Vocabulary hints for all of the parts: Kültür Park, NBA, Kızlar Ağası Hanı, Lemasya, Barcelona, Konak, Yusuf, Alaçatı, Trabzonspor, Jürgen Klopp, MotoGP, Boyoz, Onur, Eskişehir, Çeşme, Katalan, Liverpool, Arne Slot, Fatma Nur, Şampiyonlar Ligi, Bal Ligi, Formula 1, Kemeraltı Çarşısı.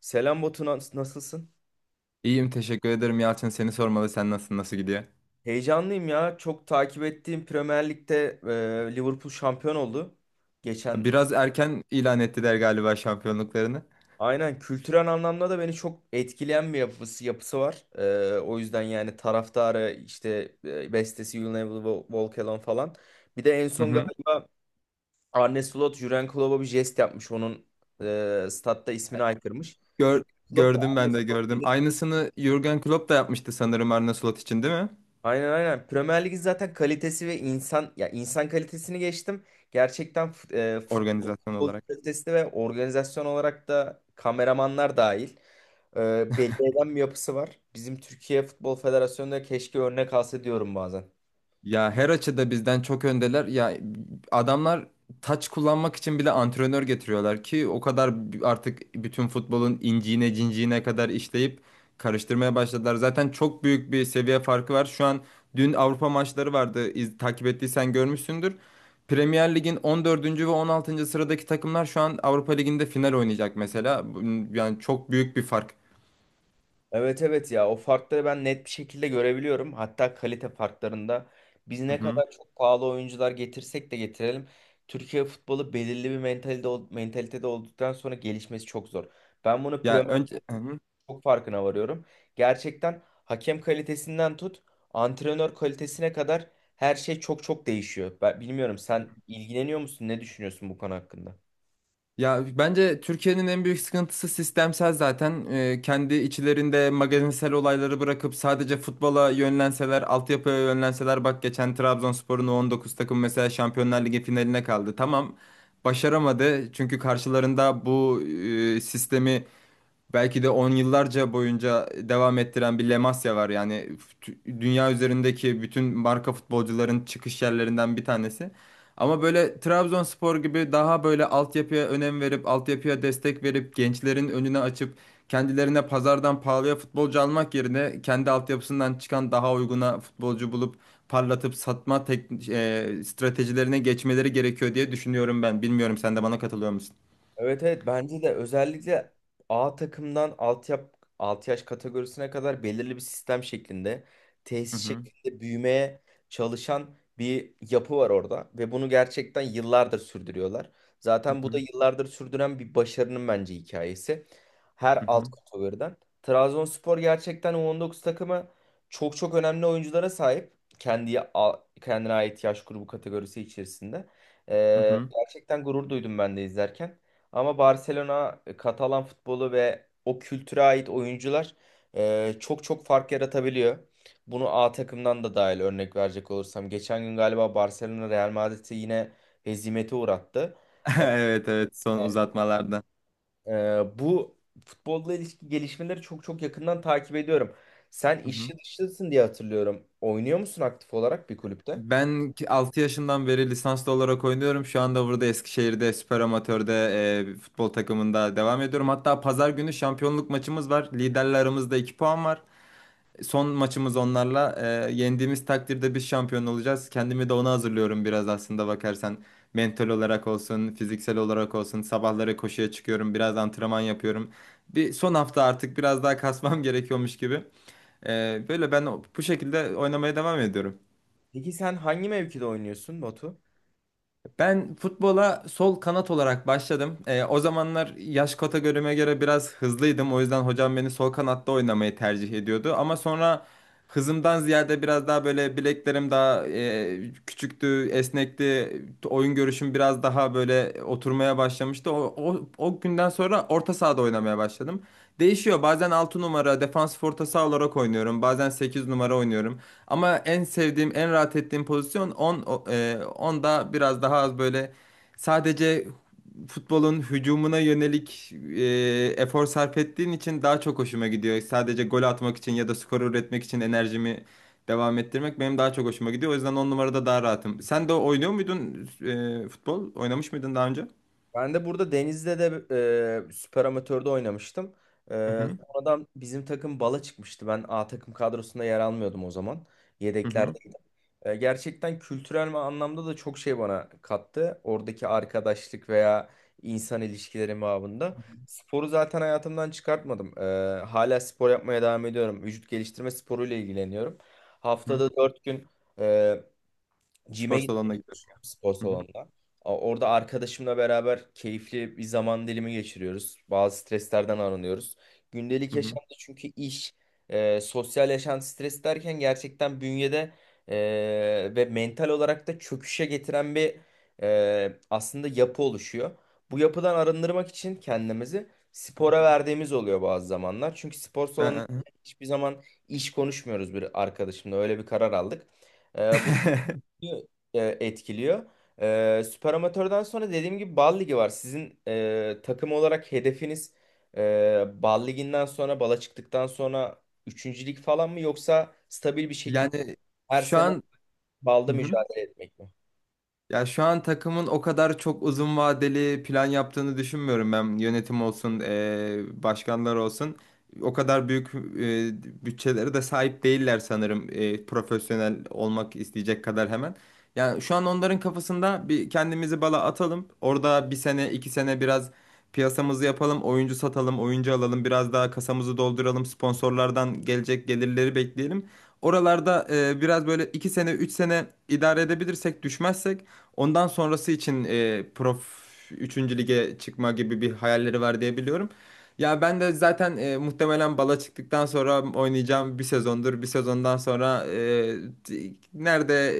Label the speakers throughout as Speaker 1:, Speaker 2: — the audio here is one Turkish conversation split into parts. Speaker 1: Selam Batu, nasılsın?
Speaker 2: İyiyim teşekkür ederim Yalçın. Seni sormalı. Sen nasılsın? Nasıl gidiyor?
Speaker 1: Heyecanlıyım ya. Çok takip ettiğim Premier Lig'de Liverpool şampiyon oldu. Geçen
Speaker 2: Biraz erken ilan ettiler galiba şampiyonluklarını.
Speaker 1: aynen kültürel anlamda da beni çok etkileyen bir yapısı var. O yüzden yani taraftarı işte bestesi You'll Never Walk Alone falan. Bir de en
Speaker 2: Hı
Speaker 1: son
Speaker 2: hı.
Speaker 1: galiba Arne Slot Jürgen Klopp'a bir jest yapmış. Onun statta ismini aykırmış.
Speaker 2: Gör,
Speaker 1: Jürgen Klopp da
Speaker 2: Gördüm
Speaker 1: Arne
Speaker 2: ben de
Speaker 1: Slot.
Speaker 2: gördüm. Aynısını Jürgen Klopp da yapmıştı sanırım Arne Slot için değil mi?
Speaker 1: Aynen aynen. Premier Lig'in zaten kalitesi ve insan ya insan kalitesini geçtim. Gerçekten
Speaker 2: Organizasyon
Speaker 1: futbol
Speaker 2: olarak.
Speaker 1: kalitesi ve organizasyon olarak da kameramanlar dahil belli eden bir yapısı var. Bizim Türkiye Futbol Federasyonu'nda keşke örnek alsa diyorum bazen.
Speaker 2: Ya her açıda bizden çok öndeler. Ya adamlar taç kullanmak için bile antrenör getiriyorlar ki o kadar artık bütün futbolun inciğine cinciğine kadar işleyip karıştırmaya başladılar. Zaten çok büyük bir seviye farkı var. Şu an Dün Avrupa maçları vardı. Takip ettiysen görmüşsündür. Premier Lig'in 14. ve 16. sıradaki takımlar şu an Avrupa Ligi'nde final oynayacak mesela. Yani çok büyük bir fark.
Speaker 1: Evet evet, ya o farkları ben net bir şekilde görebiliyorum. Hatta kalite farklarında biz
Speaker 2: Hı
Speaker 1: ne
Speaker 2: hı.
Speaker 1: kadar çok pahalı oyuncular getirsek de getirelim. Türkiye futbolu belirli bir mentalde, mentalitede olduktan sonra gelişmesi çok zor. Ben bunu
Speaker 2: Ya
Speaker 1: Premier
Speaker 2: önce Hı hı.
Speaker 1: çok farkına varıyorum. Gerçekten hakem kalitesinden tut, antrenör kalitesine kadar her şey çok çok değişiyor. Ben bilmiyorum, sen ilgileniyor musun? Ne düşünüyorsun bu konu hakkında?
Speaker 2: Ya bence Türkiye'nin en büyük sıkıntısı sistemsel zaten. Kendi içlerinde magazinsel olayları bırakıp sadece futbola yönlenseler, altyapıya yönlenseler bak geçen Trabzonspor'un U19 takım mesela Şampiyonlar Ligi finaline kaldı. Tamam başaramadı çünkü karşılarında bu sistemi belki de on yıllarca boyunca devam ettiren bir Lemasya var. Yani dünya üzerindeki bütün marka futbolcuların çıkış yerlerinden bir tanesi. Ama böyle Trabzonspor gibi daha böyle altyapıya önem verip, altyapıya destek verip, gençlerin önüne açıp, kendilerine pazardan pahalıya futbolcu almak yerine kendi altyapısından çıkan daha uyguna futbolcu bulup parlatıp satma tek, stratejilerine geçmeleri gerekiyor diye düşünüyorum ben. Bilmiyorum sen de bana katılıyor musun?
Speaker 1: Evet evet, bence de özellikle A takımdan alt yaş kategorisine kadar belirli bir sistem şeklinde,
Speaker 2: Hı
Speaker 1: tesis
Speaker 2: hı,
Speaker 1: şeklinde büyümeye çalışan bir yapı var orada ve bunu gerçekten yıllardır sürdürüyorlar.
Speaker 2: hı
Speaker 1: Zaten bu da
Speaker 2: hı,
Speaker 1: yıllardır sürdüren bir başarının bence hikayesi. Her
Speaker 2: hı
Speaker 1: alt
Speaker 2: hı,
Speaker 1: kategoriden. Trabzonspor gerçekten U19 takımı çok çok önemli oyunculara sahip. Kendi, kendine ait yaş grubu kategorisi içerisinde.
Speaker 2: hı hı.
Speaker 1: Gerçekten gurur duydum ben de izlerken. Ama Barcelona Katalan futbolu ve o kültüre ait oyuncular çok çok fark yaratabiliyor. Bunu A takımdan da dahil örnek verecek olursam. Geçen gün galiba Barcelona Real Madrid'i yine hezimete uğrattı.
Speaker 2: Evet, evet, son
Speaker 1: E,
Speaker 2: uzatmalarda.
Speaker 1: bu futbolla ilişki gelişmeleri çok çok yakından takip ediyorum. Sen
Speaker 2: Hı hı.
Speaker 1: işçi dışısın diye hatırlıyorum. Oynuyor musun aktif olarak bir kulüpte?
Speaker 2: Ben 6 yaşından beri lisanslı olarak oynuyorum. Şu anda burada Eskişehir'de süper amatörde bir futbol takımında devam ediyorum. Hatta pazar günü şampiyonluk maçımız var. Liderle aramızda 2 puan var. Son maçımız onlarla. Yendiğimiz takdirde biz şampiyon olacağız. Kendimi de ona hazırlıyorum biraz aslında bakarsan. Mental olarak olsun, fiziksel olarak olsun. Sabahları koşuya çıkıyorum, biraz antrenman yapıyorum. Bir son hafta artık biraz daha kasmam gerekiyormuş gibi. Böyle ben bu şekilde oynamaya devam ediyorum.
Speaker 1: Peki sen hangi mevkide oynuyorsun Batu?
Speaker 2: Ben futbola sol kanat olarak başladım. O zamanlar yaş kategorime göre biraz hızlıydım. O yüzden hocam beni sol kanatta oynamayı tercih ediyordu. Ama sonra hızımdan ziyade biraz daha böyle bileklerim daha küçüktü, esnekti. Oyun görüşüm biraz daha böyle oturmaya başlamıştı. O günden sonra orta sahada oynamaya başladım. Değişiyor. Bazen 6 numara defansif orta saha olarak oynuyorum. Bazen 8 numara oynuyorum. Ama en sevdiğim, en rahat ettiğim pozisyon on, biraz daha az böyle sadece futbolun hücumuna yönelik efor sarf ettiğin için daha çok hoşuma gidiyor. Sadece gol atmak için ya da skor üretmek için enerjimi devam ettirmek benim daha çok hoşuma gidiyor. O yüzden 10 numarada daha rahatım. Sen de oynuyor muydun futbol? Oynamış mıydın daha önce?
Speaker 1: Ben de burada Deniz'de de süper amatörde oynamıştım. E,
Speaker 2: Hı hı.
Speaker 1: Sonradan bizim takım bala çıkmıştı. Ben A takım kadrosunda yer almıyordum o zaman.
Speaker 2: Hı hı.
Speaker 1: Yedeklerde. Gerçekten kültürel anlamda da çok şey bana kattı. Oradaki arkadaşlık veya insan ilişkileri babında.
Speaker 2: Hı
Speaker 1: Sporu zaten hayatımdan çıkartmadım. Hala spor yapmaya devam ediyorum. Vücut geliştirme sporuyla ilgileniyorum.
Speaker 2: hı.
Speaker 1: Haftada 4 gün
Speaker 2: Spor
Speaker 1: Gym'e
Speaker 2: salonuna
Speaker 1: gitmeyi
Speaker 2: gidiyorsun.
Speaker 1: düşünüyorum, spor
Speaker 2: Hı hı.
Speaker 1: salonunda. Orada arkadaşımla beraber keyifli bir zaman dilimi geçiriyoruz. Bazı streslerden arınıyoruz. Gündelik
Speaker 2: Hı hı.
Speaker 1: yaşamda çünkü iş, sosyal yaşam stres derken gerçekten bünyede e, ve mental olarak da çöküşe getiren bir aslında yapı oluşuyor. Bu yapıdan arındırmak için kendimizi spora verdiğimiz oluyor bazı zamanlar. Çünkü spor salonunda
Speaker 2: Ben...
Speaker 1: hiçbir zaman iş konuşmuyoruz bir arkadaşımla. Öyle bir karar aldık. Bu e, etkiliyor. Süper Amatör'den sonra dediğim gibi Bal Ligi var. Sizin takım olarak hedefiniz Bal Ligi'nden sonra, Bal'a çıktıktan sonra üçüncülük falan mı, yoksa stabil bir şekilde
Speaker 2: Yani
Speaker 1: her
Speaker 2: şu
Speaker 1: sene
Speaker 2: an
Speaker 1: Bal'da mücadele etmek mi?
Speaker 2: Ya şu an takımın o kadar çok uzun vadeli plan yaptığını düşünmüyorum ben. Yönetim olsun, başkanlar olsun. O kadar büyük eee bütçelere de sahip değiller sanırım profesyonel olmak isteyecek kadar hemen. Yani şu an onların kafasında bir kendimizi bala atalım. Orada bir sene, iki sene biraz piyasamızı yapalım, oyuncu satalım, oyuncu alalım, biraz daha kasamızı dolduralım, sponsorlardan gelecek gelirleri bekleyelim. Oralarda biraz böyle iki sene, üç sene idare edebilirsek, düşmezsek ondan sonrası için e, Prof üçüncü lige çıkma gibi bir hayalleri var diye biliyorum. Ya ben de zaten muhtemelen bala çıktıktan sonra oynayacağım bir sezondur. Bir sezondan sonra nerede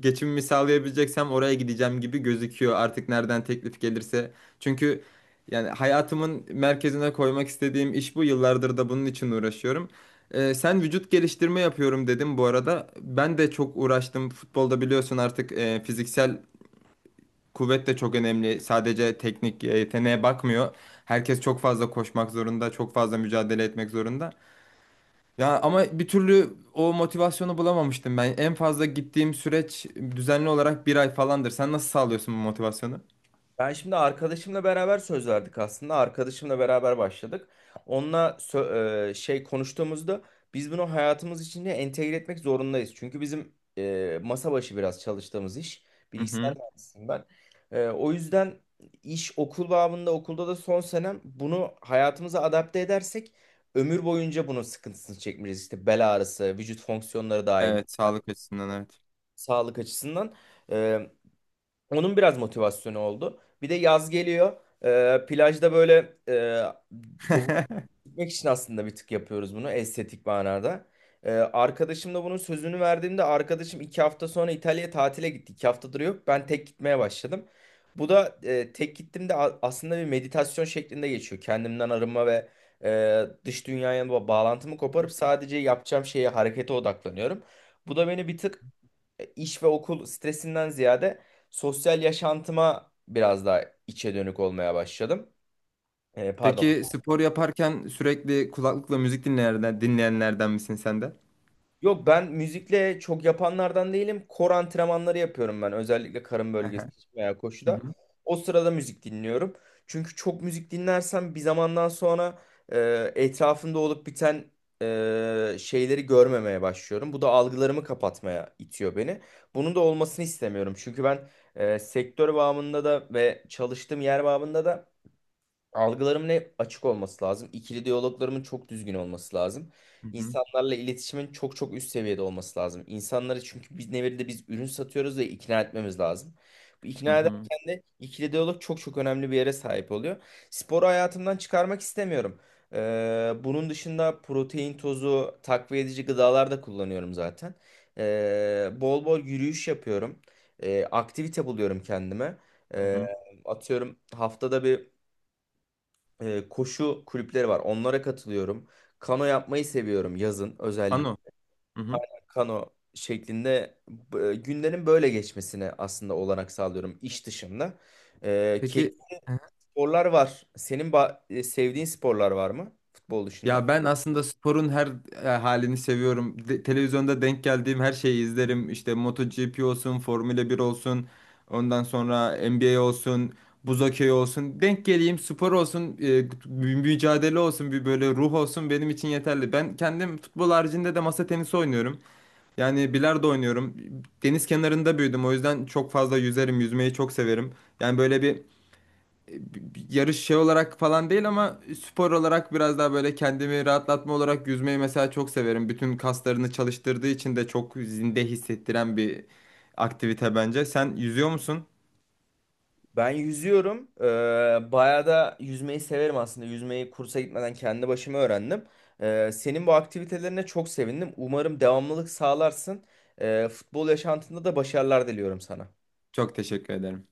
Speaker 2: geçimimi sağlayabileceksem oraya gideceğim gibi gözüküyor. Artık nereden teklif gelirse. Çünkü yani hayatımın merkezine koymak istediğim iş bu. Yıllardır da bunun için uğraşıyorum. Sen vücut geliştirme yapıyorum dedim bu arada. Ben de çok uğraştım. Futbolda biliyorsun artık fiziksel kuvvet de çok önemli. Sadece teknik yeteneğe bakmıyor. Herkes çok fazla koşmak zorunda, çok fazla mücadele etmek zorunda. Ya ama bir türlü o motivasyonu bulamamıştım ben. En fazla gittiğim süreç düzenli olarak bir ay falandır. Sen nasıl sağlıyorsun bu motivasyonu?
Speaker 1: Ben şimdi arkadaşımla beraber söz verdik aslında. Arkadaşımla beraber başladık. Onunla konuştuğumuzda biz bunu hayatımız içinde entegre etmek zorundayız. Çünkü bizim masa başı biraz çalıştığımız iş.
Speaker 2: Hı
Speaker 1: Bilgisayar
Speaker 2: hı.
Speaker 1: mühendisiyim ben. O yüzden iş okul babında, okulda da son senem bunu hayatımıza adapte edersek ömür boyunca bunun sıkıntısını çekmeyeceğiz. İşte bel ağrısı, vücut fonksiyonları dahil,
Speaker 2: Evet,
Speaker 1: yani
Speaker 2: sağlık açısından evet.
Speaker 1: sağlık açısından. E, Onun biraz motivasyonu oldu. Bir de yaz geliyor. Plajda böyle doğu gitmek için aslında bir tık yapıyoruz bunu, estetik manada. Arkadaşım da bunun sözünü verdiğimde arkadaşım 2 hafta sonra İtalya'ya tatile gitti. 2 haftadır yok. Ben tek gitmeye başladım. Bu da tek gittiğimde aslında bir meditasyon şeklinde geçiyor. Kendimden arınma ve dış dünyaya bağlantımı koparıp sadece yapacağım şeye, harekete odaklanıyorum. Bu da beni bir tık iş ve okul stresinden ziyade sosyal yaşantıma biraz daha içe dönük olmaya başladım. Pardon.
Speaker 2: Peki spor yaparken sürekli kulaklıkla müzik dinleyenlerden misin sen de?
Speaker 1: Yok, ben müzikle çok yapanlardan değilim. Kor antrenmanları yapıyorum ben, özellikle karın
Speaker 2: Hı
Speaker 1: bölgesi
Speaker 2: hı.
Speaker 1: için veya
Speaker 2: Hı
Speaker 1: koşuda.
Speaker 2: hı.
Speaker 1: O sırada müzik dinliyorum. Çünkü çok müzik dinlersem bir zamandan sonra etrafımda olup biten şeyleri görmemeye başlıyorum. Bu da algılarımı kapatmaya itiyor beni. Bunun da olmasını istemiyorum. Çünkü ben sektör bağımında da ve çalıştığım yer bağımında da algılarımın hep açık olması lazım. İkili diyaloglarımın çok düzgün olması lazım.
Speaker 2: Hı hı.
Speaker 1: İnsanlarla iletişimin çok çok üst seviyede olması lazım. İnsanları, çünkü biz nevirde biz ürün satıyoruz ve ikna etmemiz lazım. Bu
Speaker 2: Hı
Speaker 1: ikna
Speaker 2: hı.
Speaker 1: ederken de ikili diyalog çok çok önemli bir yere sahip oluyor. Sporu hayatımdan çıkarmak istemiyorum. Bunun dışında protein tozu, takviye edici gıdalar da kullanıyorum zaten. Bol bol yürüyüş yapıyorum. Aktivite buluyorum kendime.
Speaker 2: Hı
Speaker 1: Ee,
Speaker 2: hı.
Speaker 1: Atıyorum, haftada bir koşu kulüpleri var. Onlara katılıyorum. Kano yapmayı seviyorum yazın
Speaker 2: Ano.
Speaker 1: özellikle.
Speaker 2: Hı hı.
Speaker 1: Kano şeklinde günlerin böyle geçmesine aslında olanak sağlıyorum iş dışında. Keyif
Speaker 2: Peki,
Speaker 1: sporlar var. Senin sevdiğin sporlar var mı futbol dışında?
Speaker 2: ya ben aslında sporun her halini seviyorum. Televizyonda denk geldiğim her şeyi izlerim. İşte MotoGP olsun, Formula 1 olsun, ondan sonra NBA olsun, buz hokeyi olsun. Denk geleyim, spor olsun, mücadele olsun, bir böyle ruh olsun benim için yeterli. Ben kendim futbol haricinde de masa tenisi oynuyorum. Yani bilardo oynuyorum. Deniz kenarında büyüdüm. O yüzden çok fazla yüzerim, yüzmeyi çok severim. Yani böyle bir yarış şey olarak falan değil ama spor olarak biraz daha böyle kendimi rahatlatma olarak yüzmeyi mesela çok severim. Bütün kaslarını çalıştırdığı için de çok zinde hissettiren bir aktivite bence. Sen yüzüyor musun?
Speaker 1: Ben yüzüyorum. Bayağı da yüzmeyi severim aslında. Yüzmeyi kursa gitmeden kendi başıma öğrendim. Senin bu aktivitelerine çok sevindim. Umarım devamlılık sağlarsın. Futbol yaşantında da başarılar diliyorum sana.
Speaker 2: Çok teşekkür ederim.